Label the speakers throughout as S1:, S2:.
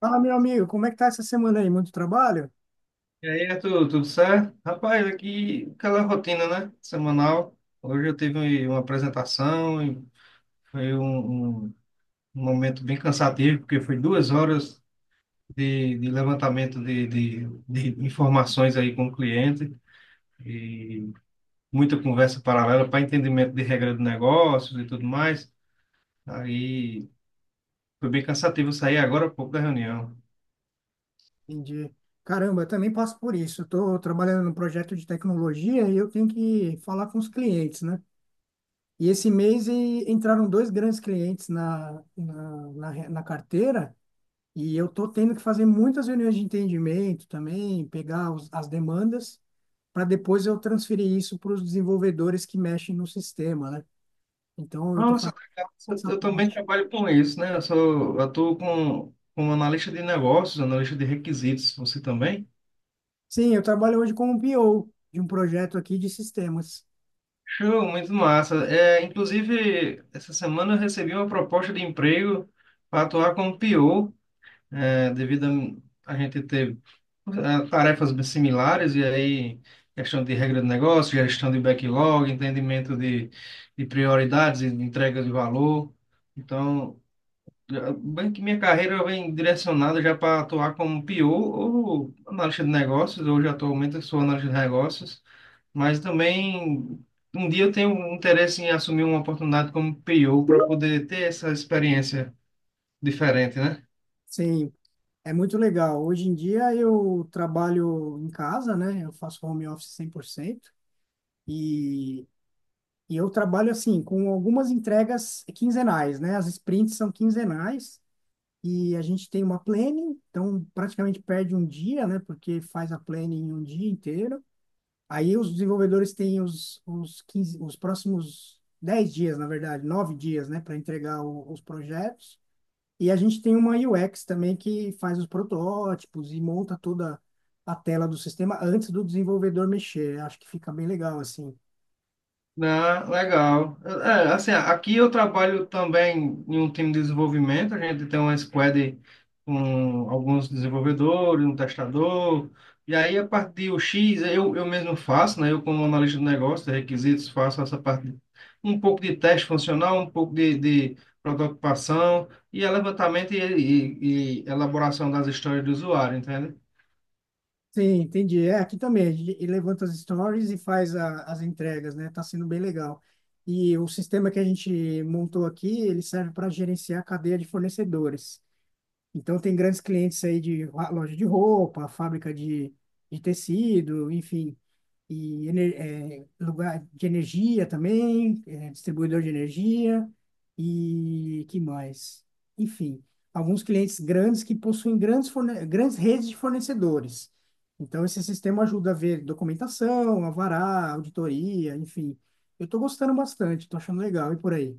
S1: Fala, meu amigo, como é que tá essa semana aí? Muito trabalho?
S2: E aí, Arthur, tudo certo? Rapaz, aqui aquela rotina, né? Semanal. Hoje eu tive uma apresentação e foi um momento bem cansativo, porque foi 2 horas de levantamento de informações aí com o cliente e muita conversa paralela para entendimento de regra de negócios e tudo mais. Aí foi bem cansativo sair agora há pouco da reunião.
S1: Entendi. Caramba, eu também passo por isso. Estou trabalhando num projeto de tecnologia e eu tenho que falar com os clientes, né? E esse mês entraram dois grandes clientes na carteira e eu estou tendo que fazer muitas reuniões de entendimento também, pegar as demandas, para depois eu transferir isso para os desenvolvedores que mexem no sistema, né? Então, eu estou
S2: Nossa,
S1: fazendo
S2: legal.
S1: essa
S2: Eu também
S1: ponte.
S2: trabalho com isso, né? Eu atuo como analista de negócios, analista de requisitos. Você também?
S1: Sim, eu trabalho hoje como PO de um projeto aqui de sistemas.
S2: Show, muito massa. É, inclusive, essa semana eu recebi uma proposta de emprego para atuar como PO, devido a gente ter tarefas bem similares, e aí questão de regra de negócio, gestão de backlog, entendimento de prioridades e de entrega de valor. Então, bem que minha carreira vem direcionada já para atuar como PO ou analista de negócios. Hoje, atualmente, eu sou analista de negócios, mas também um dia eu tenho um interesse em assumir uma oportunidade como PO para poder ter essa experiência diferente, né?
S1: Sim, é muito legal. Hoje em dia eu trabalho em casa, né? Eu faço home office 100% e, eu trabalho assim com algumas entregas quinzenais, né? As sprints são quinzenais e a gente tem uma planning, então praticamente perde um dia, né? Porque faz a planning um dia inteiro. Aí os desenvolvedores têm os 15 os próximos 10 dias, na verdade, 9 dias, né? Para entregar os projetos. E a gente tem uma UX também que faz os protótipos e monta toda a tela do sistema antes do desenvolvedor mexer. Acho que fica bem legal assim.
S2: Ah, legal. É, assim, aqui eu trabalho também em um time de desenvolvimento. A gente tem uma squad com alguns desenvolvedores, um testador. E aí, a parte de UX eu mesmo faço, né? Eu, como analista de negócio de requisitos, faço essa parte, um pouco de teste funcional, um pouco de prototipação e é levantamento e elaboração das histórias do usuário, entende?
S1: Sim, entendi. É, aqui também, a gente levanta as stories e faz as entregas, né? Tá sendo bem legal. E o sistema que a gente montou aqui, ele serve para gerenciar a cadeia de fornecedores. Então, tem grandes clientes aí de loja de roupa, fábrica de, tecido, enfim, e lugar de energia também, distribuidor de energia, e que mais? Enfim, alguns clientes grandes que possuem grandes, grandes redes de fornecedores. Então, esse sistema ajuda a ver documentação, alvará, auditoria, enfim. Eu estou gostando bastante, estou achando legal, e por aí?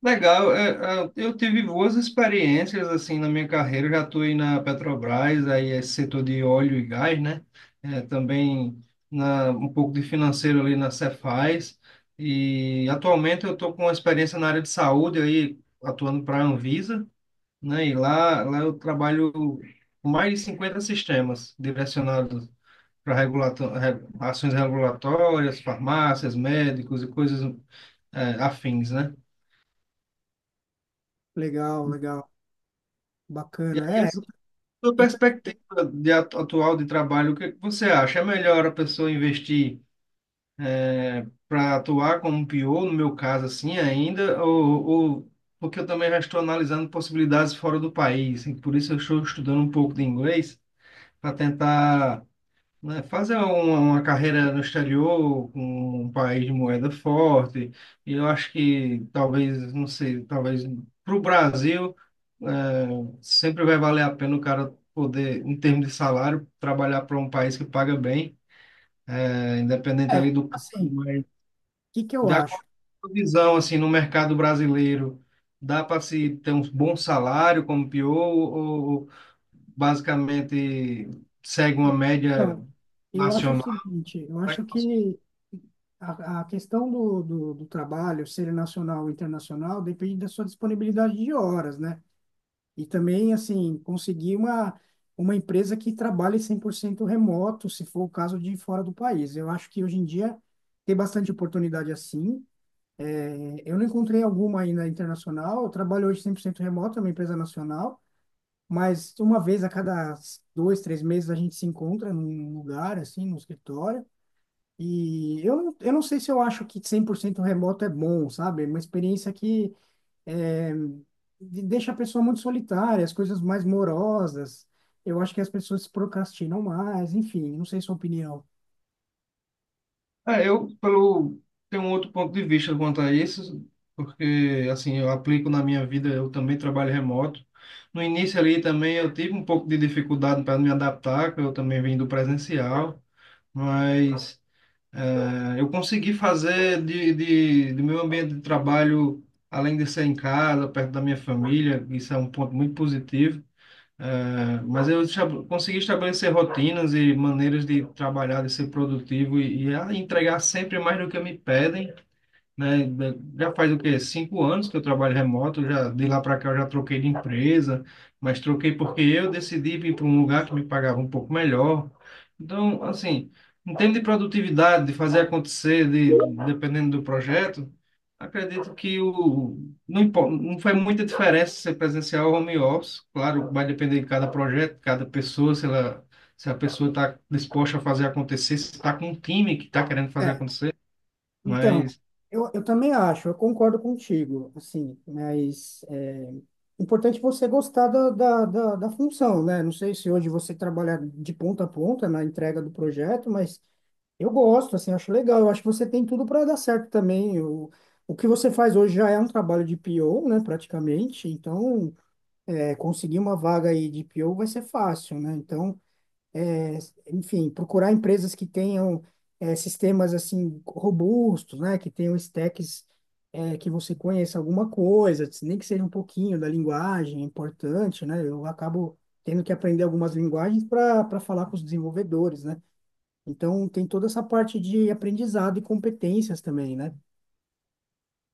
S2: Legal, eu tive boas experiências assim na minha carreira, eu já atuei na Petrobras, aí é setor de óleo e gás, né? Também um pouco de financeiro ali na Cefaz, e atualmente eu estou com uma experiência na área de saúde, aí atuando para a Anvisa, né? E lá eu trabalho com mais de 50 sistemas direcionados para ações regulatórias, farmácias, médicos e coisas, é, afins, né?
S1: Legal, legal,
S2: E aí,
S1: bacana. É,
S2: sua
S1: eu tô-
S2: perspectiva de atual de trabalho, o que que você acha? É melhor a pessoa investir para atuar como PO, no meu caso assim ainda, porque eu também já estou analisando possibilidades fora do país, e por isso eu estou estudando um pouco de inglês para tentar, né, fazer uma carreira no exterior com um país de moeda forte. E eu acho que talvez, não sei, talvez para o Brasil eh, sempre vai valer a pena o cara poder, em termos de salário, trabalhar para um país que paga bem, independente
S1: é,
S2: ali do campo,
S1: assim.
S2: mas
S1: Que eu
S2: da
S1: acho?
S2: visão assim no mercado brasileiro, dá para se ter um bom salário como PO ou basicamente segue uma média
S1: Então, eu acho o
S2: nacional?
S1: seguinte, eu acho que a, questão do trabalho ser nacional ou internacional depende da sua disponibilidade de horas, né? E também, assim, conseguir uma empresa que trabalhe 100% remoto, se for o caso de fora do país. Eu acho que hoje em dia tem bastante oportunidade assim. É, eu não encontrei alguma ainda internacional. Eu trabalho hoje 100% remoto, é uma empresa nacional, mas uma vez a cada dois, três meses a gente se encontra num lugar, assim, no escritório. E eu não sei, se eu acho que 100% remoto é bom, sabe? É uma experiência que é, deixa a pessoa muito solitária, as coisas mais morosas. Eu acho que as pessoas se procrastinam mais, enfim, não sei sua opinião.
S2: Eu pelo tenho um outro ponto de vista quanto a isso, porque assim, eu aplico na minha vida, eu também trabalho remoto. No início ali também eu tive um pouco de dificuldade para me adaptar, que eu também vim do presencial, mas eu consegui fazer do meu ambiente de trabalho, além de ser em casa, perto da minha família, isso é um ponto muito positivo. É, mas eu consegui estabelecer rotinas e maneiras de trabalhar, de ser produtivo e a entregar sempre mais do que me pedem, né? Já faz o quê? 5 anos que eu trabalho remoto, já de lá para cá eu já troquei de empresa, mas troquei porque eu decidi vir para um lugar que me pagava um pouco melhor. Então, assim, em termos de produtividade, de fazer acontecer, de, dependendo do projeto, acredito que o, não, impo- não faz muita diferença ser presencial ou home office. Claro, vai depender de cada projeto, de cada pessoa, se a pessoa está disposta a fazer acontecer, se está com um time que está querendo fazer acontecer.
S1: Então,
S2: Mas
S1: eu, também acho, eu concordo contigo, assim, mas é importante você gostar da função, né? Não sei se hoje você trabalha de ponta a ponta na entrega do projeto, mas eu gosto, assim, acho legal, eu acho que você tem tudo para dar certo também. O que você faz hoje já é um trabalho de PO, né, praticamente. Então é, conseguir uma vaga aí de PO vai ser fácil, né? Então, enfim, procurar empresas que tenham sistemas assim robustos, né, que tenham stacks que você conheça alguma coisa, nem que seja um pouquinho da linguagem, é importante, né? Eu acabo tendo que aprender algumas linguagens para falar com os desenvolvedores, né? Então tem toda essa parte de aprendizado e competências também, né?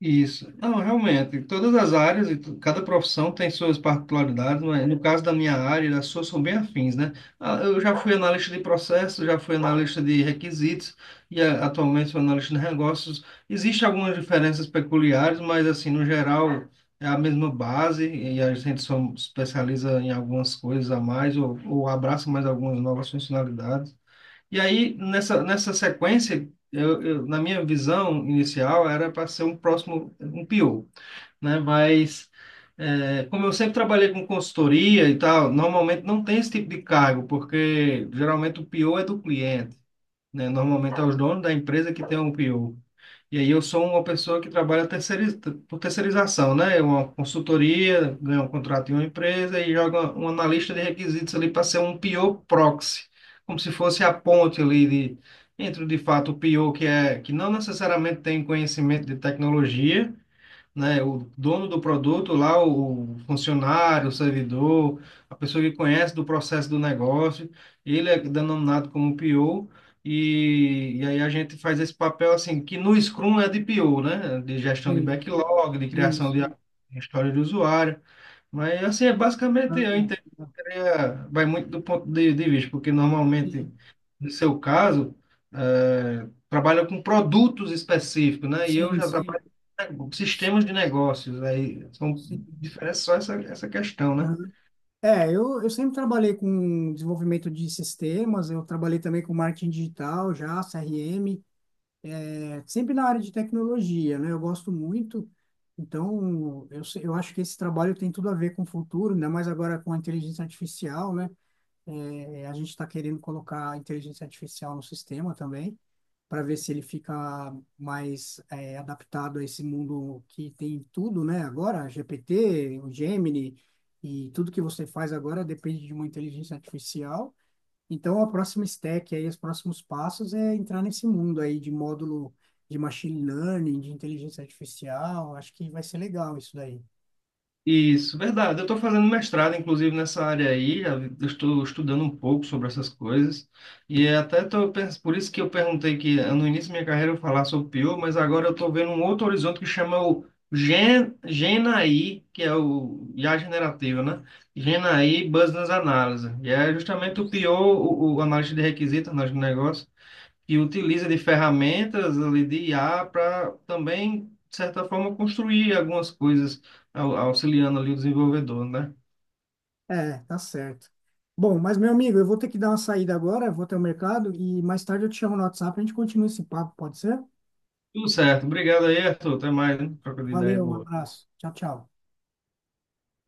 S2: isso. Não, realmente, todas as áreas e cada profissão tem suas particularidades, mas no caso da minha área, as suas são bem afins, né? Ah, eu já fui analista de processos, já fui analista de requisitos e ah, atualmente sou analista de negócios. Existem algumas diferenças peculiares, mas assim, no geral, é a mesma base e a gente só especializa em algumas coisas a mais ou abraça mais algumas novas funcionalidades. E aí, nessa sequência, na minha visão inicial, era para ser um próximo, um PO, né? Mas, é, como eu sempre trabalhei com consultoria e tal, normalmente não tem esse tipo de cargo, porque geralmente o PO é do cliente, né? Normalmente é os donos da empresa que tem um PO. E aí eu sou uma pessoa que trabalha por terceirização, né? É uma consultoria, ganha um contrato em uma empresa e joga um analista de requisitos ali para ser um PO proxy, como se fosse a ponte ali de, entre de fato o PO, que é que não necessariamente tem conhecimento de tecnologia, né? O dono do produto lá, o funcionário, o servidor, a pessoa que conhece do processo do negócio, ele é denominado como PO. E aí a gente faz esse papel assim, que no Scrum é de PO, né? De gestão de
S1: Sim,
S2: backlog, de
S1: sim,
S2: criação de
S1: sim.
S2: história de usuário. Mas assim, é basicamente eu
S1: Ah,
S2: entendo que seria, vai muito do ponto de vista, porque normalmente,
S1: sim,
S2: no seu caso, é, trabalha com produtos específicos, né? E eu
S1: sim,
S2: já
S1: sim.
S2: trabalho com sistemas de negócios, aí são
S1: Sim.
S2: diferentes só essa questão, né?
S1: É, eu sempre trabalhei com desenvolvimento de sistemas, eu trabalhei também com marketing digital já, CRM, é, sempre na área de tecnologia, né? Eu gosto muito, então eu, se- eu acho que esse trabalho tem tudo a ver com o futuro, ainda mais agora com a inteligência artificial, né? É, a gente está querendo colocar a inteligência artificial no sistema também, para ver se ele fica mais é, adaptado a esse mundo que tem tudo, né? Agora, GPT, o Gemini, e tudo que você faz agora depende de uma inteligência artificial. Então, a próxima stack, aí, os próximos passos é entrar nesse mundo aí de módulo de machine learning, de inteligência artificial. Acho que vai ser legal isso daí.
S2: Isso, verdade. Eu estou fazendo mestrado, inclusive, nessa área aí. Eu estou estudando um pouco sobre essas coisas. E até por isso que eu perguntei que no início da minha carreira eu falar sobre PIO, mas agora eu estou vendo um outro horizonte que chama o GenAI, que é o IA generativa, né? GenAI Business Analysis. E é justamente o PIO, o análise de requisitos, análise de negócio que utiliza de ferramentas ali de IA para também, de certa forma, construir algumas coisas auxiliando ali o desenvolvedor, né?
S1: É, tá certo. Bom, mas meu amigo, eu vou ter que dar uma saída agora, vou até o mercado e mais tarde eu te chamo no WhatsApp, a gente continua esse papo, pode ser?
S2: Tudo certo. Obrigado aí, Arthur. Até mais, né? Troca de ideia
S1: Valeu, um
S2: boa.
S1: abraço. Tchau, tchau.